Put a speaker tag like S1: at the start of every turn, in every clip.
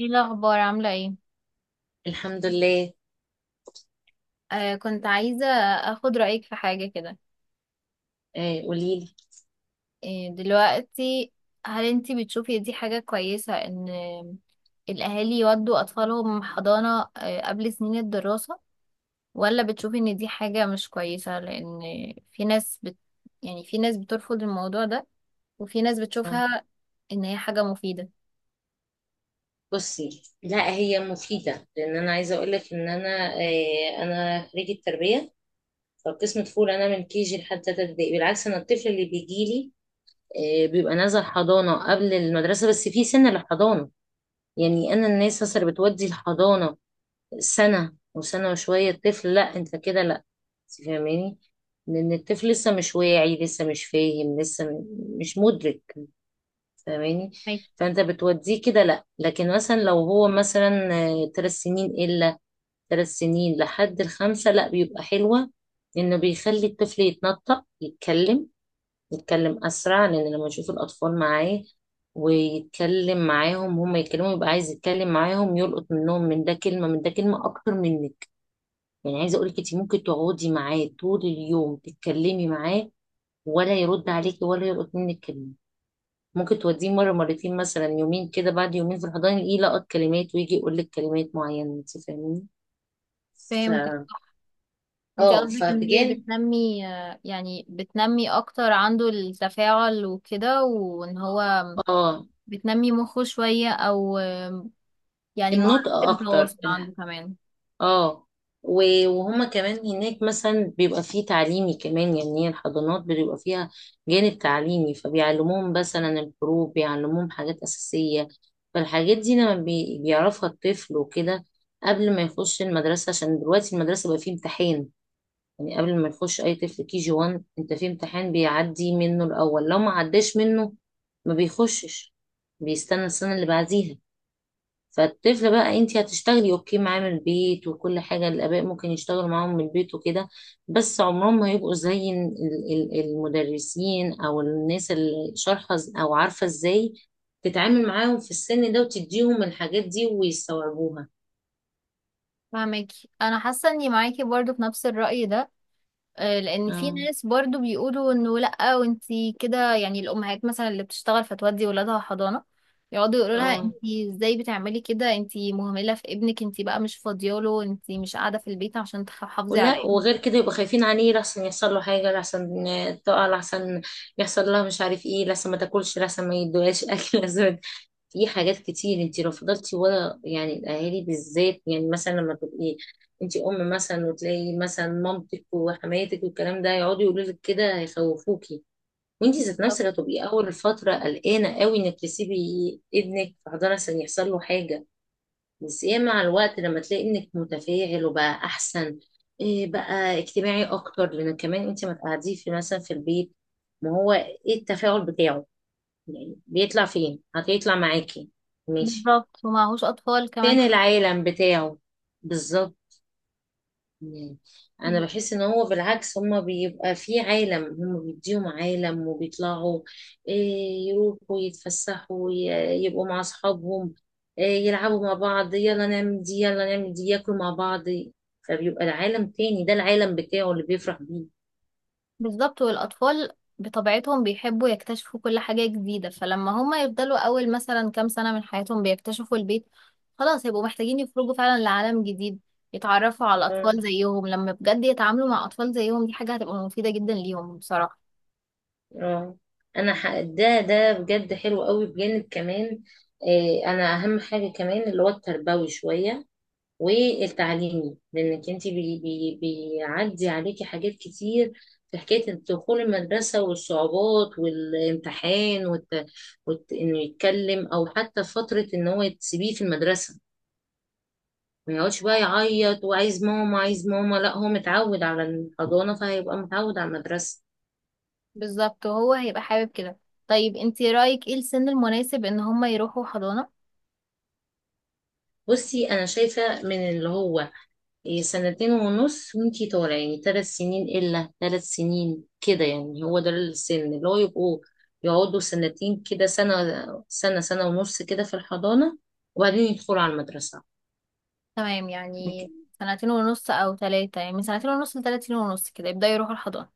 S1: ايه الاخبار عامله ايه؟
S2: الحمد لله.
S1: كنت عايزه اخد رايك في حاجه كده.
S2: آه، قولي لي.
S1: دلوقتي، هل انتي بتشوفي دي حاجه كويسه ان الاهالي يودوا اطفالهم حضانه قبل سنين الدراسه؟ ولا بتشوفي ان دي حاجه مش كويسه لان في ناس يعني في ناس بترفض الموضوع ده، وفي ناس
S2: آه.
S1: بتشوفها ان هي حاجه مفيده.
S2: بصي، لا، هي مفيدة، لأن أنا عايزة أقول لك إن أنا أنا خريجة تربية، فقسم طفول. أنا من كي جي لحد تالتة ابتدائي. بالعكس، أنا الطفل اللي بيجي لي بيبقى نازل حضانة قبل المدرسة، بس في سن للحضانة. يعني أنا الناس مثلا اللي بتودي الحضانة سنة وسنة وشوية الطفل، لا، أنت كده لا. أنت فاهماني؟ لأن الطفل لسه مش واعي، لسه مش فاهم، لسه مش مدرك. فاهماني؟
S1: ماكي.
S2: فانت بتوديه كده لا، لكن مثلا لو هو مثلا 3 سنين الا، 3 سنين لحد الخمسة، لا، بيبقى حلوة انه بيخلي الطفل يتنطق، يتكلم اسرع، لان لما يشوف الاطفال معاه ويتكلم معاهم هما يتكلموا، يبقى عايز يتكلم معاهم، يلقط منهم، من ده كلمة من ده كلمة اكتر منك. يعني عايزة اقولك انت ممكن تقعدي معاه طول اليوم تتكلمي معاه، ولا يرد عليكي ولا يلقط منك كلمة. ممكن توديه مرة، مرتين، مثلا يومين كده، بعد يومين في الحضانة يلقط كلمات ويجي يقول لك كلمات معينة، انت فاهمين؟ ف
S1: فهمتك. انت
S2: اه
S1: قصدك ان هي
S2: فبجان
S1: بتنمي، يعني بتنمي اكتر عنده التفاعل وكده، وان هو
S2: اه.
S1: بتنمي مخه شوية أو يعني مهارات
S2: النطق اكتر
S1: التواصل عنده كمان.
S2: اه وهما كمان هناك مثلا بيبقى فيه تعليمي كمان، يعني هي الحضانات بيبقى فيها جانب تعليمي، فبيعلموهم مثلا الحروف، بيعلموهم حاجات أساسية. فالحاجات دي لما بيعرفها الطفل وكده قبل ما يخش المدرسة، عشان دلوقتي المدرسة بقى فيه امتحان. يعني قبل ما يخش اي طفل كي جي 1، انت في امتحان بيعدي منه الاول، لو ما عداش منه ما بيخشش، بيستنى السنه اللي بعديها. فالطفل بقى، انت هتشتغلي اوكي معاه من البيت وكل حاجه، الاباء ممكن يشتغلوا معاهم من البيت وكده، بس عمرهم ما هيبقوا زي المدرسين او الناس اللي شارحه، او عارفه ازاي تتعامل معاهم في السن ده وتديهم الحاجات دي ويستوعبوها.
S1: فاهمك. أنا حاسة إني معاكي برضو في نفس الرأي ده، لأن في
S2: اه.
S1: ناس برضو بيقولوا إنه لأ وأنتي كده. يعني الأمهات مثلا اللي بتشتغل فتودي ولادها حضانة يقعدوا يقولوا لها
S2: اه،
S1: أنتي إزاي بتعملي كده، أنتي مهملة في ابنك، أنتي بقى مش فاضياله، أنتي مش قاعدة في البيت عشان تحافظي على
S2: ولا
S1: ابنك.
S2: وغير كده يبقوا خايفين عليه، لحسن يحصل له حاجة، لحسن تقع، لحسن يحصل لها مش عارف ايه، لحسن ما تاكلش، لحسن ما يدوهاش اكل لحسن. في حاجات كتير انت لو فضلتي ورا، يعني الاهالي بالذات، يعني مثلا لما تبقي انت ام مثلا وتلاقي مثلا مامتك وحماتك والكلام ده يقعدوا يقولوا لك كده، هيخوفوكي، وانت ذات نفسك هتبقي اول فترة قلقانة قوي انك تسيبي ابنك في حضانة عشان يحصل له حاجة. بس ايه، مع الوقت لما تلاقي انك متفاعل وبقى احسن، إيه بقى اجتماعي اكتر، لان كمان انت ما تقعديه في مثلا في البيت. ما هو ايه التفاعل بتاعه؟ يعني بيطلع فين؟ هتطلع معاكي؟ ماشي.
S1: بالظبط، ومعهوش أطفال كمان.
S2: فين العالم بتاعه؟ بالظبط. مم. انا بحس ان هو بالعكس، هما بيبقى في عالم، هما بيديهم عالم وبيطلعوا إيه، يروحوا يتفسحوا، يبقوا مع اصحابهم، إيه، يلعبوا مع بعض، يلا نعمل دي يلا نعمل دي، ياكلوا مع بعض. فبيبقى العالم تاني، ده العالم بتاعه اللي بيفرح بيه.
S1: بالظبط. والأطفال بطبيعتهم بيحبوا يكتشفوا كل حاجة جديدة، فلما هما يفضلوا أول مثلا كام سنة من حياتهم بيكتشفوا البيت، خلاص هيبقوا محتاجين يخرجوا فعلا لعالم جديد، يتعرفوا على
S2: اه.
S1: أطفال زيهم. لما بجد يتعاملوا مع أطفال زيهم، دي حاجة هتبقى مفيدة جدا ليهم بصراحة.
S2: آه. انا ده بجد حلو قوي، بجانب كمان إيه، انا اهم حاجة كمان اللي هو التربوي شوية والتعليمي، لانك انت بي بي بيعدي عليكي حاجات كتير في حكايه دخول المدرسه والصعوبات والامتحان انه يتكلم، او حتى فتره ان هو تسيبيه في المدرسه ما يقعدش بقى يعيط وعايز ماما عايز ماما، لا هو متعود على الحضانه فهيبقى متعود على المدرسه.
S1: بالظبط، وهو هيبقى حابب كده. طيب انتي رأيك ايه السن المناسب ان هما يروحوا حضانة؟
S2: بصي انا شايفه من اللي هو إيه سنتين ونص وانتي طالع يعني ثلاث سنين إلا، ثلاث سنين كده، يعني هو ده السن اللي هو يبقوا يقعدوا سنتين كده، سنة سنة ونص كده في الحضانة وبعدين يدخلوا على المدرسة.
S1: تمام، يعني سنتين ونص أو تلاتة، يعني من سنتين ونص لتلاتين ونص كده يبدأوا يروحوا الحضانة.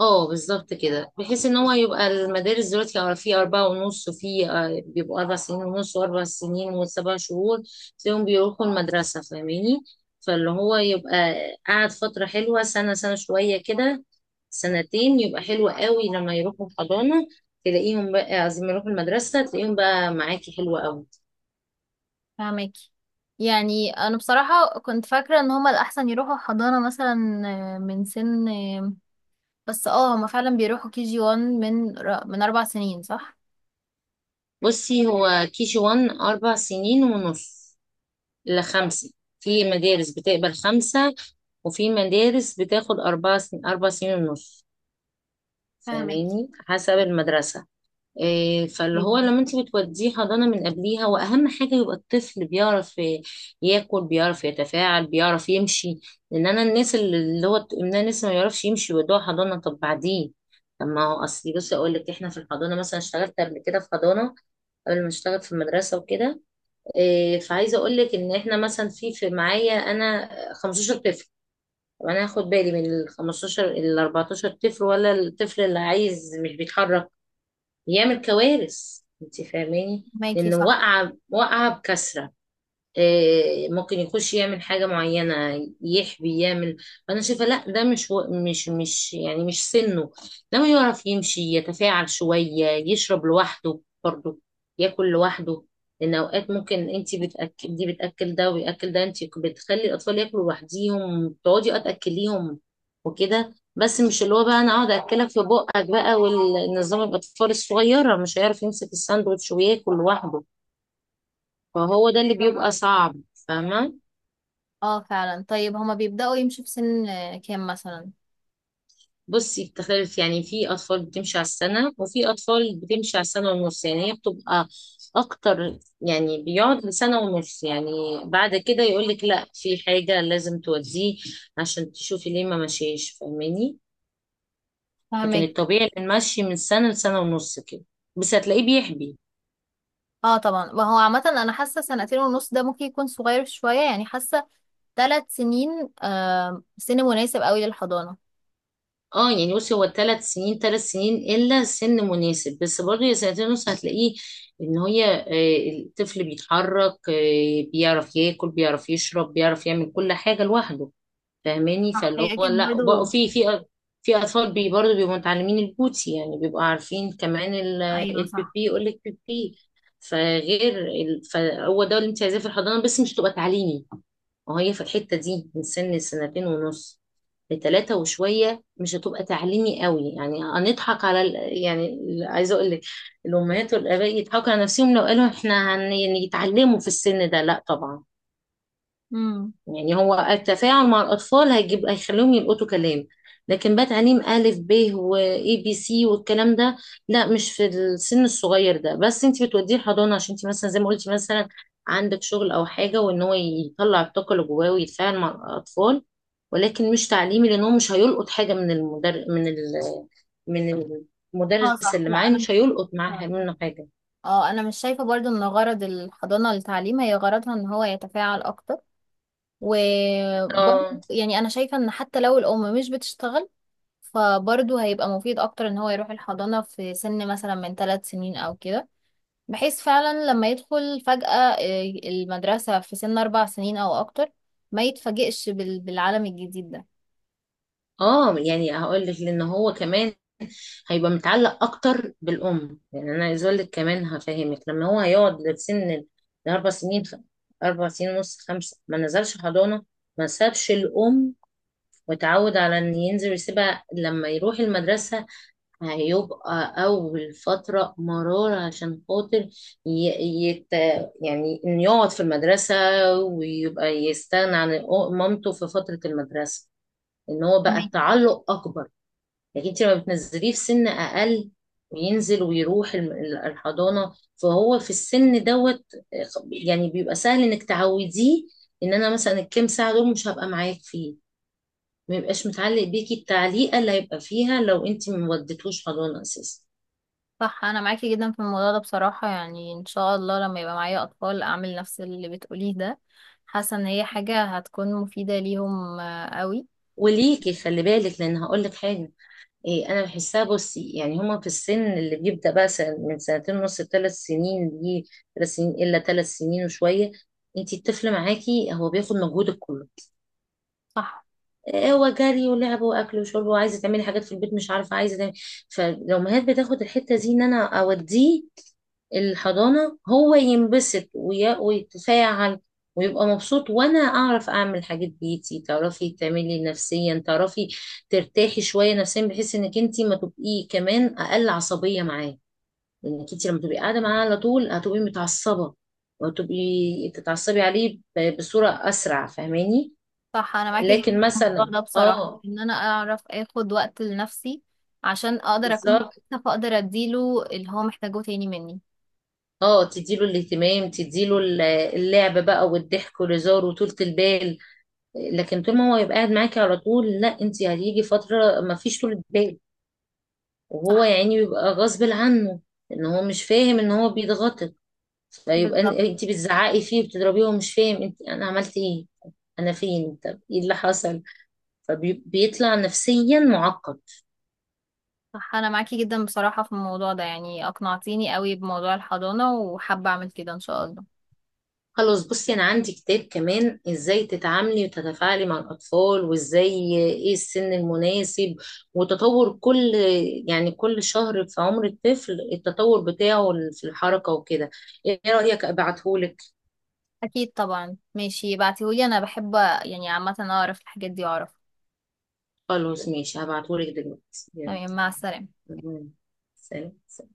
S2: اه بالظبط كده، بحيث ان هو يبقى المدارس دلوقتي أو في اربعة ونص، وفي بيبقوا 4 سنين ونص واربع سنين وسبع شهور تلاقيهم بيروحوا المدرسة. فاهماني؟ فاللي هو يبقى قعد فترة حلوة سنة، سنة شوية كده، سنتين يبقى حلو قوي لما يروحوا الحضانة. تلاقيهم بقى عايزين يروحوا المدرسة، تلاقيهم بقى معاكي حلوة قوي.
S1: فاهمك. يعني انا بصراحة كنت فاكرة ان هما الاحسن يروحوا حضانة مثلا آه، من سن آه، بس هما فعلا بيروحوا كي جي 1 من 4 سنين، صح؟
S2: بصي هو كي جي وان 4 سنين ونص لخمسة. في مدارس بتقبل خمسة وفي مدارس بتاخد أربعة 4 سنين ونص،
S1: فاهمك.
S2: فاهماني؟ حسب المدرسة. إيه، فاللي هو
S1: اوكي.
S2: لما انت بتوديه حضانة من قبليها، وأهم حاجة يبقى الطفل بيعرف ياكل، بيعرف يتفاعل، بيعرف يمشي. لأن أنا الناس اللي هو إن أنا لسه ما يعرفش يمشي ويودوه حضانة، طب بعدين؟ طب ما هو أصلي بصي أقول لك، إحنا في الحضانة مثلا اشتغلت قبل كده في حضانة قبل ما اشتغل في المدرسة وكده. إيه، فعايزه اقول لك ان احنا مثلا في في معايا انا 15 طفل. طب انا هاخد بالي من ال 15، ال 14 طفل، ولا الطفل اللي عايز مش بيتحرك، يعمل كوارث؟ انت فاهماني؟
S1: فاهماكي،
S2: لان
S1: صح.
S2: واقعه واقعه بكثره. آه، ممكن يخش يعمل حاجة معينة يحبي يعمل. فأنا شايفة لا، ده مش يعني مش سنه. لما يعرف يمشي، يتفاعل شوية، يشرب لوحده برضه، ياكل لوحده. لأن أوقات ممكن أنت بتأكل دي بتأكل ده وبيأكل ده، أنت بتخلي الأطفال ياكلوا لوحديهم، تقعدي أه تأكليهم وكده، بس مش اللي هو بقى أنا أقعد أكلك في بقك بقى والنظام. الأطفال الصغيرة مش هيعرف يمسك الساندوتش وياكل لوحده، فهو ده اللي بيبقى صعب. فاهمة؟
S1: اه فعلا. طيب هما بيبدأوا يمشوا في سن كام مثلا؟
S2: بصي، بتختلف، يعني في أطفال بتمشي على السنة وفي أطفال بتمشي على السنة ونص، يعني هي بتبقى أكتر يعني بيقعد لسنة ونص يعني، بعد كده يقولك لأ في حاجة لازم توديه عشان تشوفي ليه ما مشيش، فاهماني؟ لكن
S1: فاهمك.
S2: الطبيعي إن المشي من سنة لسنة ونص كده، بس هتلاقيه بيحبي.
S1: اه طبعا. وهو عامة انا حاسة سنتين ونص ده ممكن يكون صغير شوية، يعني حاسة 3 سنين سن مناسب قوي للحضانة.
S2: اه يعني بصي، هو 3 سنين، 3 سنين الا سن مناسب، بس برضه يا سنتين ونص هتلاقيه ان هي الطفل بيتحرك، بيعرف ياكل بيعرف يشرب بيعرف يعمل كل حاجه لوحده، فاهماني؟
S1: صح،
S2: فاللي
S1: هي
S2: هو
S1: اكيد
S2: لا، بقى
S1: برضو.
S2: في اطفال برضه بيبقوا متعلمين البوتي، يعني بيبقوا عارفين كمان
S1: ايوه، صح.
S2: البيبي، يقول لك بيبي. فهو ده اللي انت عايزاه في الحضانه، بس مش تبقى تعليمي. وهي في الحته دي من سن سنتين ونص لتلاتة وشوية مش هتبقى تعليمي قوي، يعني هنضحك على يعني عايزة أقول لك الأمهات والآباء يضحكوا على نفسهم لو قالوا إحنا يعني يتعلموا في السن ده، لا طبعا.
S1: امم.
S2: يعني هو التفاعل مع الأطفال هيجيب، هيخليهم يلقطوا كلام، لكن بقى تعليم ألف ب وإي بي سي والكلام ده، لا، مش في السن الصغير ده. بس أنت بتوديه الحضانة عشان أنت مثلا زي ما قلتي مثلا عندك شغل أو حاجة، وإن هو يطلع الطاقة اللي جواه ويتفاعل مع الأطفال، ولكن مش تعليمي، لأن هو مش هيلقط حاجة من
S1: اه،
S2: المدرس
S1: صح.
S2: اللي
S1: لا
S2: معاه،
S1: انا
S2: مش هيلقط معاه منه حاجة.
S1: اه انا مش شايفة برضو ان غرض الحضانة للتعليم، هي غرضها ان هو يتفاعل اكتر، وبرضو
S2: اه.
S1: يعني انا شايفة ان حتى لو الام مش بتشتغل فبرضو هيبقى مفيد اكتر ان هو يروح الحضانة في سن مثلا من 3 سنين او كده، بحيث فعلا لما يدخل فجأة آه، المدرسة في سن 4 سنين او اكتر، ما يتفاجئش بالعالم الجديد ده.
S2: اه يعني هقول لك، لان هو كمان هيبقى متعلق اكتر بالام. يعني انا عايز اقول لك كمان هفهمك، لما هو هيقعد لسن الاربع سنين، 4 سنين ونص خمسه ما نزلش حضانه، ما سابش الام وتعود على ان ينزل يسيبها، لما يروح المدرسه هيبقى اول فتره مرار عشان خاطر ي- يت... يعني انه يقعد في المدرسه ويبقى يستغنى عن مامته في فتره المدرسه، ان هو بقى التعلق اكبر. لكن انت لما بتنزليه في سن اقل وينزل ويروح الحضانه، فهو في السن دوت يعني بيبقى سهل انك تعوديه ان انا مثلا الكام ساعه دول مش هبقى معاك فيه، ما يبقاش متعلق بيكي التعليقه اللي هيبقى فيها لو انت ما وديتهوش حضانه اساسا.
S1: صح، انا معاكي جدا في الموضوع ده بصراحة. يعني ان شاء الله لما يبقى معايا اطفال اعمل نفس اللي بتقوليه ده. حاسة ان هي حاجة هتكون مفيدة ليهم قوي.
S2: وليكي خلي بالك، لان هقول لك حاجه إيه، انا بحسها بصي، يعني هما في السن اللي بيبدا بقى من سنتين ونص لثلاث سنين دي، 3 سنين الا ثلاث سنين وشويه، انت الطفل معاكي هو بياخد مجهودك كله،
S1: صح.
S2: هو جري ولعب واكل وشرب وعايزه تعملي حاجات في البيت مش عارفه عايزه تعملي. فالامهات بتاخد الحته دي ان انا اوديه الحضانه هو ينبسط ويتفاعل ويبقى مبسوط وانا اعرف اعمل حاجات بيتي، تعرفي تعملي نفسيا، تعرفي ترتاحي شويه نفسيا، بحيث انك انت ما تبقي كمان اقل عصبيه معاه. لانك انت لما تبقي قاعده معاه على طول هتبقي متعصبه، وتبقي تتعصبي عليه بصوره اسرع، فاهماني؟
S1: صح، انا معاكي جدا
S2: لكن
S1: في
S2: مثلا
S1: الموضوع ده بصراحة
S2: اه
S1: ان انا اعرف اخد وقت لنفسي عشان اقدر اكون
S2: بالظبط،
S1: كويسة فاقدر اديله اللي هو محتاجه تاني مني.
S2: اه تديله الاهتمام، تديله اللعب بقى والضحك والهزار وطولة البال. لكن طول ما هو يبقى قاعد معاكي على طول لا، انت هتيجي فترة ما فيش طولة بال، وهو
S1: صح.
S2: يعني بيبقى غصب عنه ان هو مش فاهم ان هو بيتغطط، فيبقى
S1: بالظبط.
S2: انت بتزعقي فيه وبتضربيه وهو مش فاهم انت انا عملت ايه، انا فين؟ طب ايه اللي حصل؟ فبيطلع نفسيا معقد.
S1: صح انا معاكي جدا بصراحة في الموضوع ده، يعني اقنعتيني قوي بموضوع الحضانة وحابة اعمل كده ان شاء الله.
S2: خلاص بصي انا عندي كتاب كمان ازاي تتعاملي وتتفاعلي مع الاطفال، وازاي ايه السن المناسب، وتطور كل يعني كل شهر في عمر الطفل التطور بتاعه في الحركة وكده. ايه رأيك ابعتهولك؟
S1: اكيد طبعا، ماشي ابعتيهولي، انا بحب يعني عامه اعرف الحاجات دي واعرف.
S2: خلاص ماشي، هبعتهولك دلوقتي. يلا.
S1: تمام، مع السلامه.
S2: سلام.